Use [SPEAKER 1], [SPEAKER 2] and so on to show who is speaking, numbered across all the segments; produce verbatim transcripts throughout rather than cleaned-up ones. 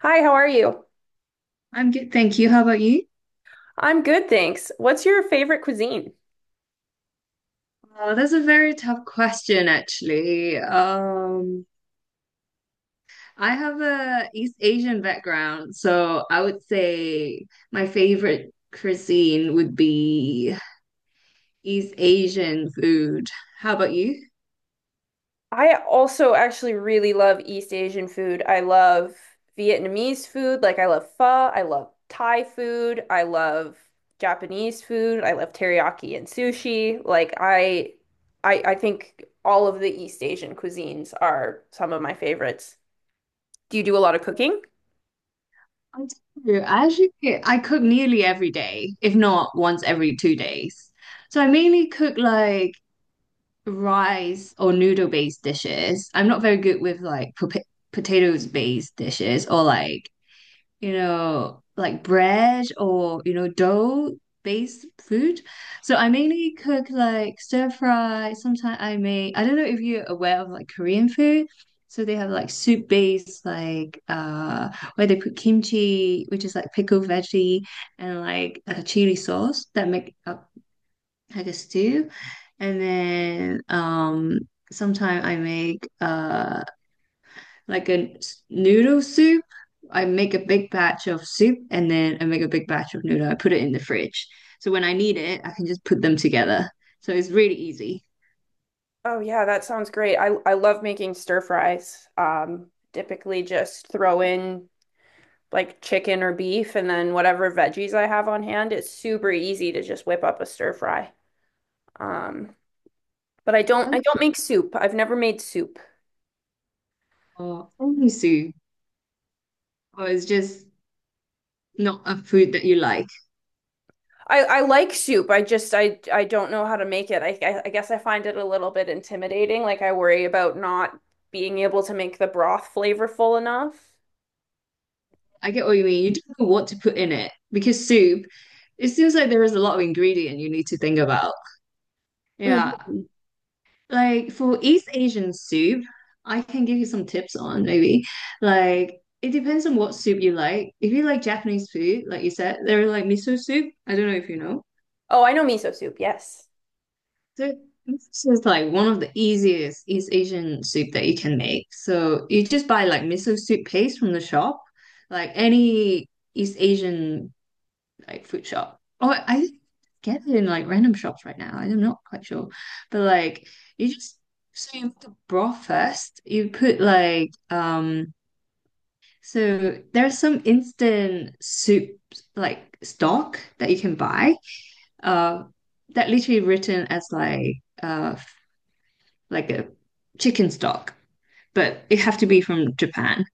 [SPEAKER 1] Hi, how are you?
[SPEAKER 2] I'm good, thank you. How about you?
[SPEAKER 1] I'm good, thanks. What's your favorite cuisine?
[SPEAKER 2] Uh, that's a very tough question, actually. Um, I have a East Asian background, so I would say my favorite cuisine would be East Asian food. How about you?
[SPEAKER 1] I also actually really love East Asian food. I love Vietnamese food, like I love pho, I love Thai food, I love Japanese food, I love teriyaki and sushi. Like I I I think all of the East Asian cuisines are some of my favorites. Do you do a lot of cooking?
[SPEAKER 2] I do. I actually I cook nearly every day, if not once every two days. So I mainly cook like rice or noodle based dishes. I'm not very good with like pota- potatoes based dishes, or like you know, like bread, or you know, dough-based food. So I mainly cook like stir fry. Sometimes I make, I don't know if you're aware of like Korean food. So they have like soup-based, like uh where they put kimchi, which is like pickled veggie, and like a chili sauce that make up like a stew. And then um sometimes I make uh like a s- noodle soup. I make a big batch of soup, and then I make a big batch of noodle. I put it in the fridge. So when I need it, I can just put them together. So it's really easy.
[SPEAKER 1] Oh yeah, that sounds great. I I love making stir fries. Um, typically just throw in like chicken or beef and then whatever veggies I have on hand. It's super easy to just whip up a stir fry. Um, but I don't I don't make soup. I've never made soup.
[SPEAKER 2] Or soup, or it's just not a food that you like.
[SPEAKER 1] I, I like soup. I just I I don't know how to make it. I, I I guess I find it a little bit intimidating. Like I worry about not being able to make the broth flavorful enough.
[SPEAKER 2] I get what you mean. You don't know what to put in it, because soup, it seems like there is a lot of ingredient you need to think about. Yeah.
[SPEAKER 1] Mhm.
[SPEAKER 2] Like for East Asian soup, I can give you some tips on maybe. Like it depends on what soup you like. If you like Japanese food, like you said, they're like miso soup. I don't know if you know.
[SPEAKER 1] Oh, I know miso soup. Yes.
[SPEAKER 2] So this is like one of the easiest East Asian soup that you can make. So you just buy like miso soup paste from the shop, like any East Asian like food shop. Oh, I get it in like random shops right now. I'm not quite sure. But like you just so you make the broth first. You put like um so there's some instant soup like stock that you can buy. Uh that literally written as like uh like a chicken stock. But it have to be from Japan.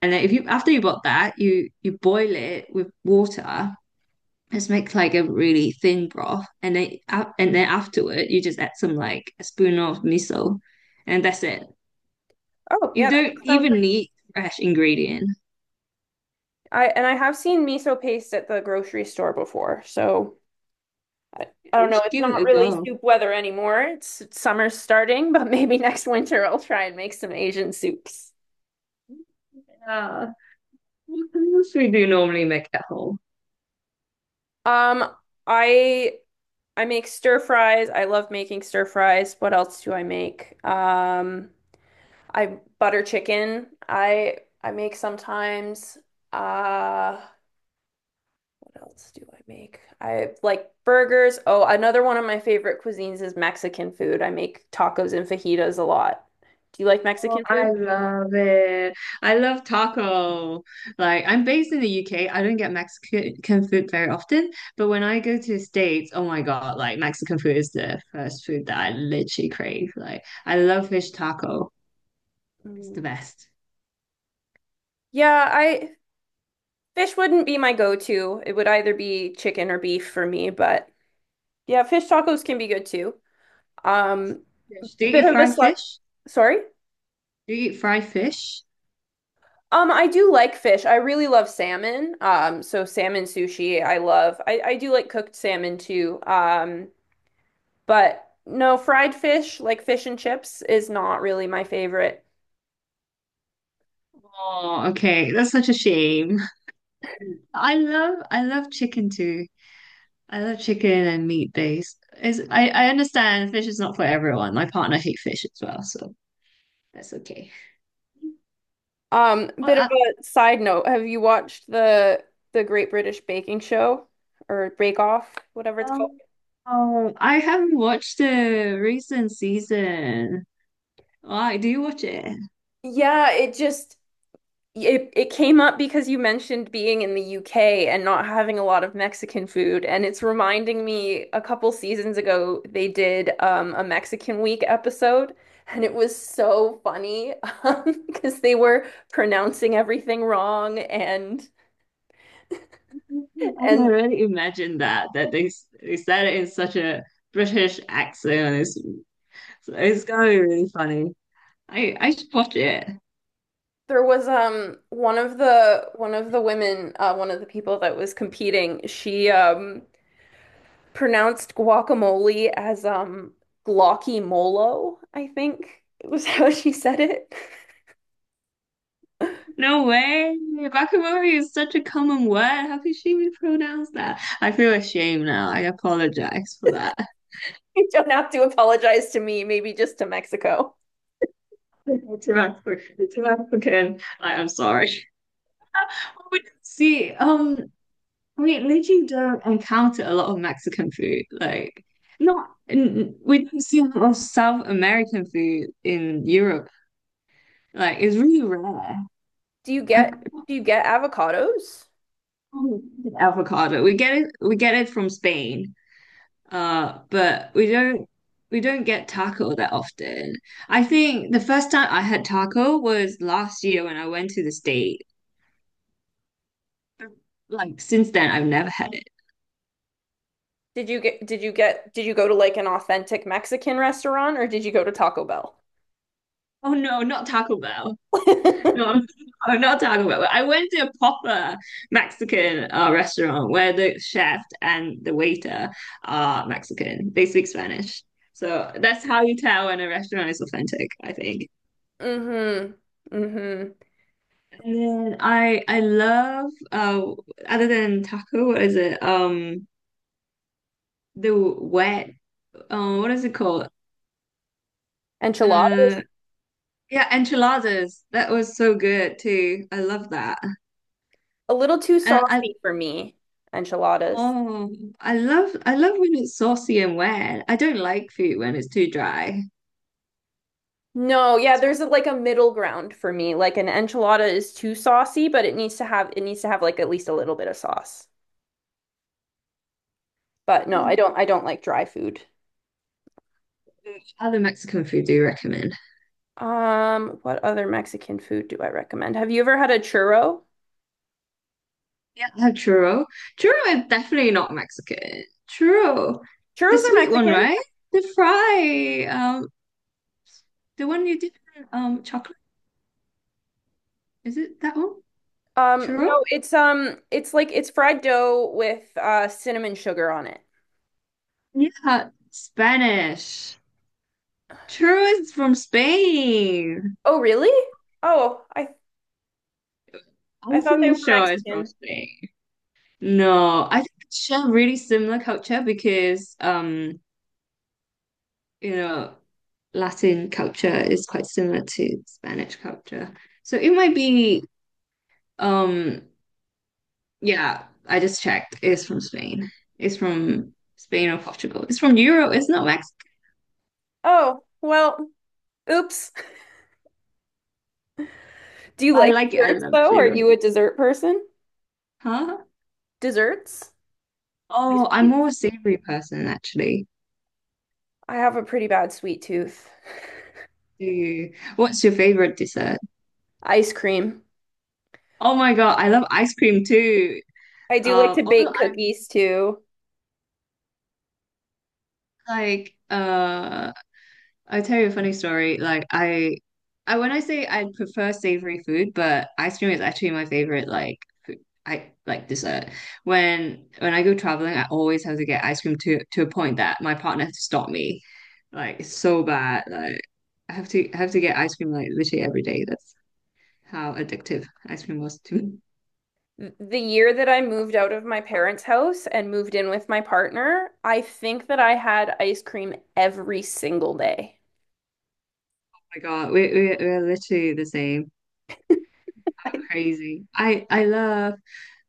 [SPEAKER 2] And then if you after you bought that, you you boil it with water, just make like a really thin broth, and then a- and then afterward you just add some like a spoon of miso, and that's it.
[SPEAKER 1] Oh,
[SPEAKER 2] You
[SPEAKER 1] yeah, that
[SPEAKER 2] don't
[SPEAKER 1] does sound
[SPEAKER 2] even
[SPEAKER 1] pretty.
[SPEAKER 2] need fresh ingredient.
[SPEAKER 1] I and I have seen miso paste at the grocery store before. So I, I
[SPEAKER 2] Yeah,
[SPEAKER 1] don't
[SPEAKER 2] you
[SPEAKER 1] know.
[SPEAKER 2] should
[SPEAKER 1] It's
[SPEAKER 2] give it
[SPEAKER 1] not
[SPEAKER 2] a
[SPEAKER 1] really
[SPEAKER 2] go.
[SPEAKER 1] soup weather anymore. It's, it's summer's starting, but maybe next winter I'll try and make some Asian soups.
[SPEAKER 2] Yeah. What else we do normally make at home?
[SPEAKER 1] Um, I I make stir fries. I love making stir fries. What else do I make? Um, I butter chicken. I I make sometimes. Uh What else do I make? I like burgers. Oh, another one of my favorite cuisines is Mexican food. I make tacos and fajitas a lot. Do you like
[SPEAKER 2] Oh,
[SPEAKER 1] Mexican
[SPEAKER 2] I
[SPEAKER 1] food?
[SPEAKER 2] love it. I love taco. Like, I'm based in the U K. I don't get Mexican food very often, but when I go to the States, oh my God, like Mexican food is the first food that I literally crave. Like, I love fish taco. It's
[SPEAKER 1] Mm.
[SPEAKER 2] the best.
[SPEAKER 1] Yeah, I fish wouldn't be my go-to. It would either be chicken or beef for me, but yeah, fish tacos can be good too. Um,
[SPEAKER 2] Fish. Do you
[SPEAKER 1] bit
[SPEAKER 2] eat
[SPEAKER 1] of a
[SPEAKER 2] fried
[SPEAKER 1] slight,
[SPEAKER 2] fish?
[SPEAKER 1] sorry.
[SPEAKER 2] Do you eat fried fish?
[SPEAKER 1] Um, I do like fish. I really love salmon. Um, so salmon sushi, I love. I, I do like cooked salmon too. Um, but no, fried fish, like fish and chips, is not really my favorite.
[SPEAKER 2] Oh, okay. That's such a shame. I love I love chicken too. I love chicken and meat based. Is I, I understand fish is not for everyone. My partner hates fish as well, so that's okay.
[SPEAKER 1] Um,
[SPEAKER 2] Well,
[SPEAKER 1] bit of
[SPEAKER 2] I,
[SPEAKER 1] a side note. Have you watched the the Great British Baking Show or Bake Off, whatever it's called?
[SPEAKER 2] um, oh, I haven't watched the recent season. Why do you watch it?
[SPEAKER 1] Yeah, it just It it came up because you mentioned being in the U K and not having a lot of Mexican food, and it's reminding me a couple seasons ago they did um, a Mexican Week episode, and it was so funny um, because they were pronouncing everything wrong and
[SPEAKER 2] I can
[SPEAKER 1] and
[SPEAKER 2] already imagine that that they s- they said it in such a British accent. It's so it's gonna be really funny. I I should watch it.
[SPEAKER 1] there was um one of the one of the women uh, one of the people that was competing she um pronounced guacamole as um glocky molo, I think it was how she said it.
[SPEAKER 2] No way. Bakamori is such a common word. How could she mispronounce that? I feel ashamed now. I apologize for that.
[SPEAKER 1] You don't have to apologize to me, maybe just to Mexico.
[SPEAKER 2] To African, to African. I am sorry. But see, um, we literally don't encounter a lot of Mexican food. Like, not n- we don't see a lot of South American food in Europe. Like, it's really rare.
[SPEAKER 1] Do you get
[SPEAKER 2] I,
[SPEAKER 1] do you get avocados?
[SPEAKER 2] oh, avocado. We get it we get it from Spain. Uh, but we don't we don't get taco that often. I think the first time I had taco was last year when I went to the States. Like since then I've never had it.
[SPEAKER 1] Did you get did you get did you go to like an authentic Mexican restaurant or did you go to Taco Bell?
[SPEAKER 2] Oh no, not Taco Bell. No, I not Taco Bell. I went to a proper Mexican uh, restaurant where the chef and the waiter are Mexican. They speak Spanish. So that's how you tell when a restaurant is authentic, I think.
[SPEAKER 1] Mm-hmm. Mm-hmm.
[SPEAKER 2] And then I I love uh other than taco, what is it? Um the wet um what is it called? Uh
[SPEAKER 1] Enchiladas?
[SPEAKER 2] yeah, enchiladas. That was so good too. I love that.
[SPEAKER 1] A little too
[SPEAKER 2] And I
[SPEAKER 1] saucy for me. Enchiladas.
[SPEAKER 2] oh I love I love when it's saucy and wet. I don't like food when it's too dry.
[SPEAKER 1] No, yeah,
[SPEAKER 2] That's what
[SPEAKER 1] there's a, like a middle ground for me. Like an enchilada is too saucy, but it needs to have it needs to have like at least a little bit of sauce. But no,
[SPEAKER 2] what
[SPEAKER 1] I
[SPEAKER 2] is-
[SPEAKER 1] don't I don't like dry food.
[SPEAKER 2] Other Mexican food do you recommend?
[SPEAKER 1] Um, what other Mexican food do I recommend? Have you ever had a churro?
[SPEAKER 2] Yeah, I have churro. Churro is definitely not Mexican. Churro. The
[SPEAKER 1] Churros are
[SPEAKER 2] sweet one,
[SPEAKER 1] Mexican.
[SPEAKER 2] right? The fry. Um The one you did um chocolate, is it that one?
[SPEAKER 1] Um, no,
[SPEAKER 2] Churro?
[SPEAKER 1] it's um, it's like it's fried dough with uh cinnamon sugar on it.
[SPEAKER 2] Yeah, Spanish. Churro is from Spain.
[SPEAKER 1] Oh, really? Oh, I I
[SPEAKER 2] I'm
[SPEAKER 1] thought they
[SPEAKER 2] pretty
[SPEAKER 1] were
[SPEAKER 2] sure it's from
[SPEAKER 1] Mexican.
[SPEAKER 2] Spain. No, I think it's share really similar culture because um, you know, Latin culture is quite similar to Spanish culture. So it might be um yeah, I just checked. It's from Spain. It's from Spain or Portugal. It's from Europe, it's not Mexico.
[SPEAKER 1] Oh, well, oops. Do you
[SPEAKER 2] I
[SPEAKER 1] like
[SPEAKER 2] like it, I
[SPEAKER 1] desserts
[SPEAKER 2] love
[SPEAKER 1] though? Are
[SPEAKER 2] churro.
[SPEAKER 1] you a dessert person?
[SPEAKER 2] Huh?
[SPEAKER 1] Desserts? Like
[SPEAKER 2] Oh, I'm
[SPEAKER 1] Sweets?
[SPEAKER 2] more a savory person actually.
[SPEAKER 1] I have a pretty bad sweet tooth.
[SPEAKER 2] Do you? What's your favorite dessert?
[SPEAKER 1] Ice cream.
[SPEAKER 2] Oh my God, I love ice cream too.
[SPEAKER 1] I do like
[SPEAKER 2] Uh,
[SPEAKER 1] to
[SPEAKER 2] although
[SPEAKER 1] bake
[SPEAKER 2] I'm
[SPEAKER 1] cookies too.
[SPEAKER 2] like, uh, I tell you a funny story. Like I, I when I say I prefer savory food, but ice cream is actually my favorite. Like food, I like dessert. When when I go traveling, I always have to get ice cream to to a point that my partner has to stop me. Like it's so bad. Like I have to I have to get ice cream like literally every day. How addictive ice cream was to me. Oh
[SPEAKER 1] The year that I moved out of my parents' house and moved in with my partner, I think that I had ice cream every single day.
[SPEAKER 2] my God, we we we're literally the same. Crazy. I I love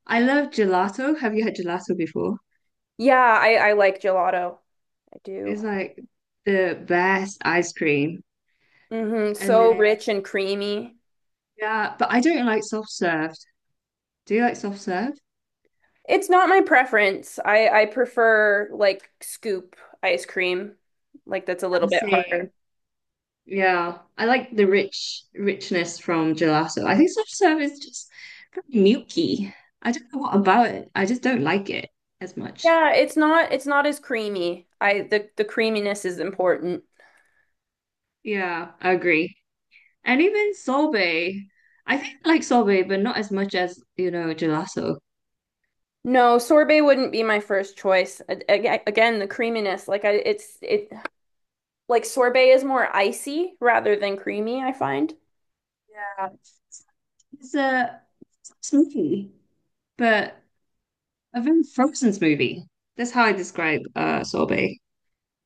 [SPEAKER 2] I love gelato. Have you had gelato before?
[SPEAKER 1] Yeah, I, I like gelato. I
[SPEAKER 2] It's
[SPEAKER 1] do.
[SPEAKER 2] like the best ice cream.
[SPEAKER 1] Hmm.
[SPEAKER 2] And
[SPEAKER 1] So
[SPEAKER 2] then
[SPEAKER 1] rich and creamy.
[SPEAKER 2] yeah, but I don't like soft served. Do you like soft served?
[SPEAKER 1] It's not my preference. I, I prefer like scoop ice cream. Like that's a little
[SPEAKER 2] The
[SPEAKER 1] bit
[SPEAKER 2] same.
[SPEAKER 1] harder.
[SPEAKER 2] Yeah, I like the rich richness from gelato. I think soft serve is just very milky. I don't know what about it. I just don't like it as much.
[SPEAKER 1] Yeah, it's not it's not as creamy. I the, the creaminess is important.
[SPEAKER 2] Yeah, I agree. And even sorbet. I think I like sorbet, but not as much as, you know, gelato.
[SPEAKER 1] No, sorbet wouldn't be my first choice. A- a- Again, the creaminess, like I it's it like sorbet is more icy rather than creamy, I find.
[SPEAKER 2] Yeah. It's a smoothie, but a very frozen smoothie. That's how I describe uh sorbet.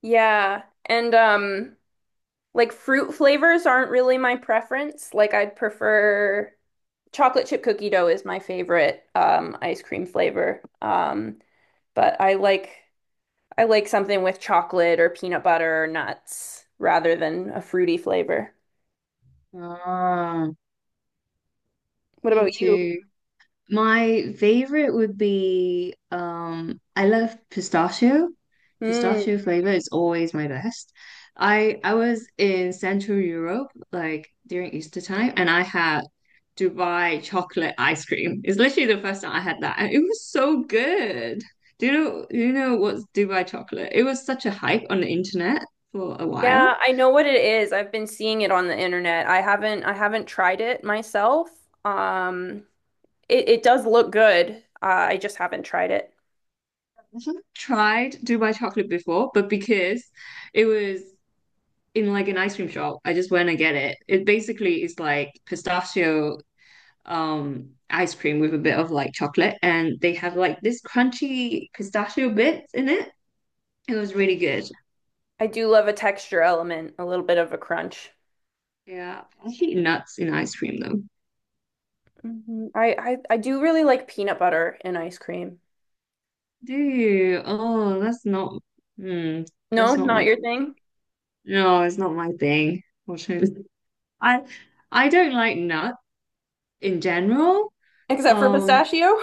[SPEAKER 1] Yeah. And um like fruit flavors aren't really my preference. Like I'd prefer chocolate chip cookie dough is my favorite um, ice cream flavor. Um, but I like I like something with chocolate or peanut butter or nuts rather than a fruity flavor.
[SPEAKER 2] Ah,
[SPEAKER 1] What about
[SPEAKER 2] me
[SPEAKER 1] you?
[SPEAKER 2] too. My favorite would be um I love pistachio.
[SPEAKER 1] Mm.
[SPEAKER 2] Pistachio flavor is always my best. I I was in Central Europe like during Easter time, and I had Dubai chocolate ice cream. It's literally the first time I had that, and it was so good. Do you know do you know what's Dubai chocolate? It was such a hype on the internet for a
[SPEAKER 1] Yeah,
[SPEAKER 2] while.
[SPEAKER 1] I know what it is. I've been seeing it on the internet. I haven't I haven't tried it myself. Um, it, it does look good. Uh, I just haven't tried it.
[SPEAKER 2] I haven't tried Dubai chocolate before, but because it was in like an ice cream shop. I just went and get it. It basically is like pistachio um ice cream with a bit of like chocolate, and they have like this crunchy pistachio bits in it. It was really good.
[SPEAKER 1] I do love a texture element, a little bit of a crunch.
[SPEAKER 2] Yeah. I hate nuts in ice cream though.
[SPEAKER 1] Hmm. I, I I do really like peanut butter in ice cream.
[SPEAKER 2] Do you? Oh, that's not hmm,
[SPEAKER 1] No,
[SPEAKER 2] that's not
[SPEAKER 1] not
[SPEAKER 2] my cup
[SPEAKER 1] your
[SPEAKER 2] of tea.
[SPEAKER 1] thing,
[SPEAKER 2] No, it's not my thing. Unfortunately. I I don't like nuts in general.
[SPEAKER 1] except for
[SPEAKER 2] Um
[SPEAKER 1] pistachio.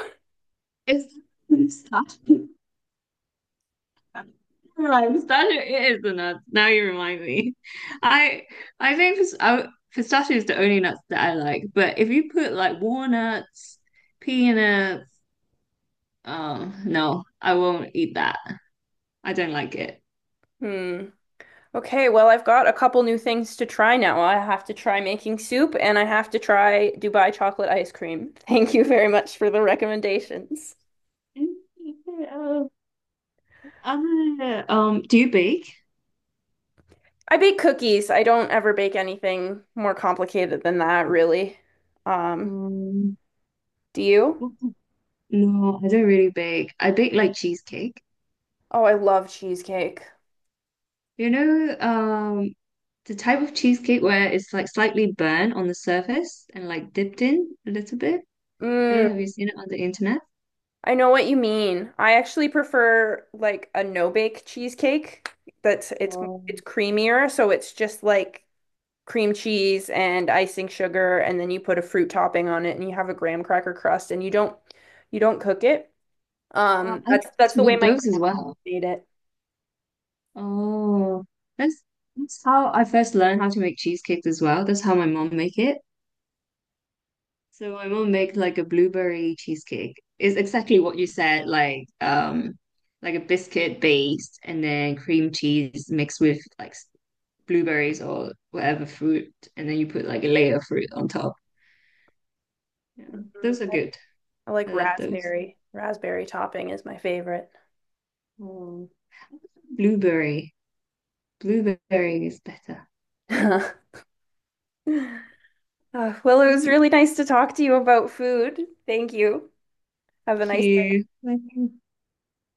[SPEAKER 2] it's pistachio. Pistachio it is the nuts. Now you remind me. I I think pis- I, pistachio is the only nuts that I like. But if you put like walnuts, peanuts, um, no, I won't eat that. I don't like it.
[SPEAKER 1] Hmm. Okay, well, I've got a couple new things to try now. I have to try making soup and I have to try Dubai chocolate ice cream. Thank you very much for the recommendations.
[SPEAKER 2] Um, I, um, do you bake?
[SPEAKER 1] I bake cookies. I don't ever bake anything more complicated than that, really. Um,
[SPEAKER 2] Um,
[SPEAKER 1] do you?
[SPEAKER 2] no, I don't really bake. I bake like cheesecake.
[SPEAKER 1] Oh, I love cheesecake.
[SPEAKER 2] You know, um, the type of cheesecake where it's like slightly burnt on the surface and like dipped in a little bit. I don't know, have
[SPEAKER 1] Mm.
[SPEAKER 2] you seen it on the internet?
[SPEAKER 1] I know what you mean. I actually prefer like a no-bake cheesecake that's it's it's
[SPEAKER 2] Um,
[SPEAKER 1] creamier, so it's just like cream cheese and icing sugar and then you put a fruit topping on it and you have a graham cracker crust and you don't you don't cook it.
[SPEAKER 2] Oh,
[SPEAKER 1] Um
[SPEAKER 2] I
[SPEAKER 1] that's
[SPEAKER 2] used
[SPEAKER 1] that's
[SPEAKER 2] to
[SPEAKER 1] the way
[SPEAKER 2] make
[SPEAKER 1] my
[SPEAKER 2] those as
[SPEAKER 1] grandma
[SPEAKER 2] well.
[SPEAKER 1] made it.
[SPEAKER 2] Oh, that's that's how I first learned how to make cheesecakes as well. That's how my mom make it. So my mom make like a blueberry cheesecake. It's exactly what you said, like um, like a biscuit based, and then cream cheese mixed with like blueberries or whatever fruit, and then you put like a layer of fruit on top. Yeah,
[SPEAKER 1] Mhm.
[SPEAKER 2] those are good.
[SPEAKER 1] I like
[SPEAKER 2] I love those.
[SPEAKER 1] raspberry. Raspberry topping is my favorite.
[SPEAKER 2] Oh. Blueberry. Blueberry is better.
[SPEAKER 1] Uh, well, it
[SPEAKER 2] Thank
[SPEAKER 1] was really nice to talk to you about food. Thank you. Have a nice
[SPEAKER 2] you. Thank you.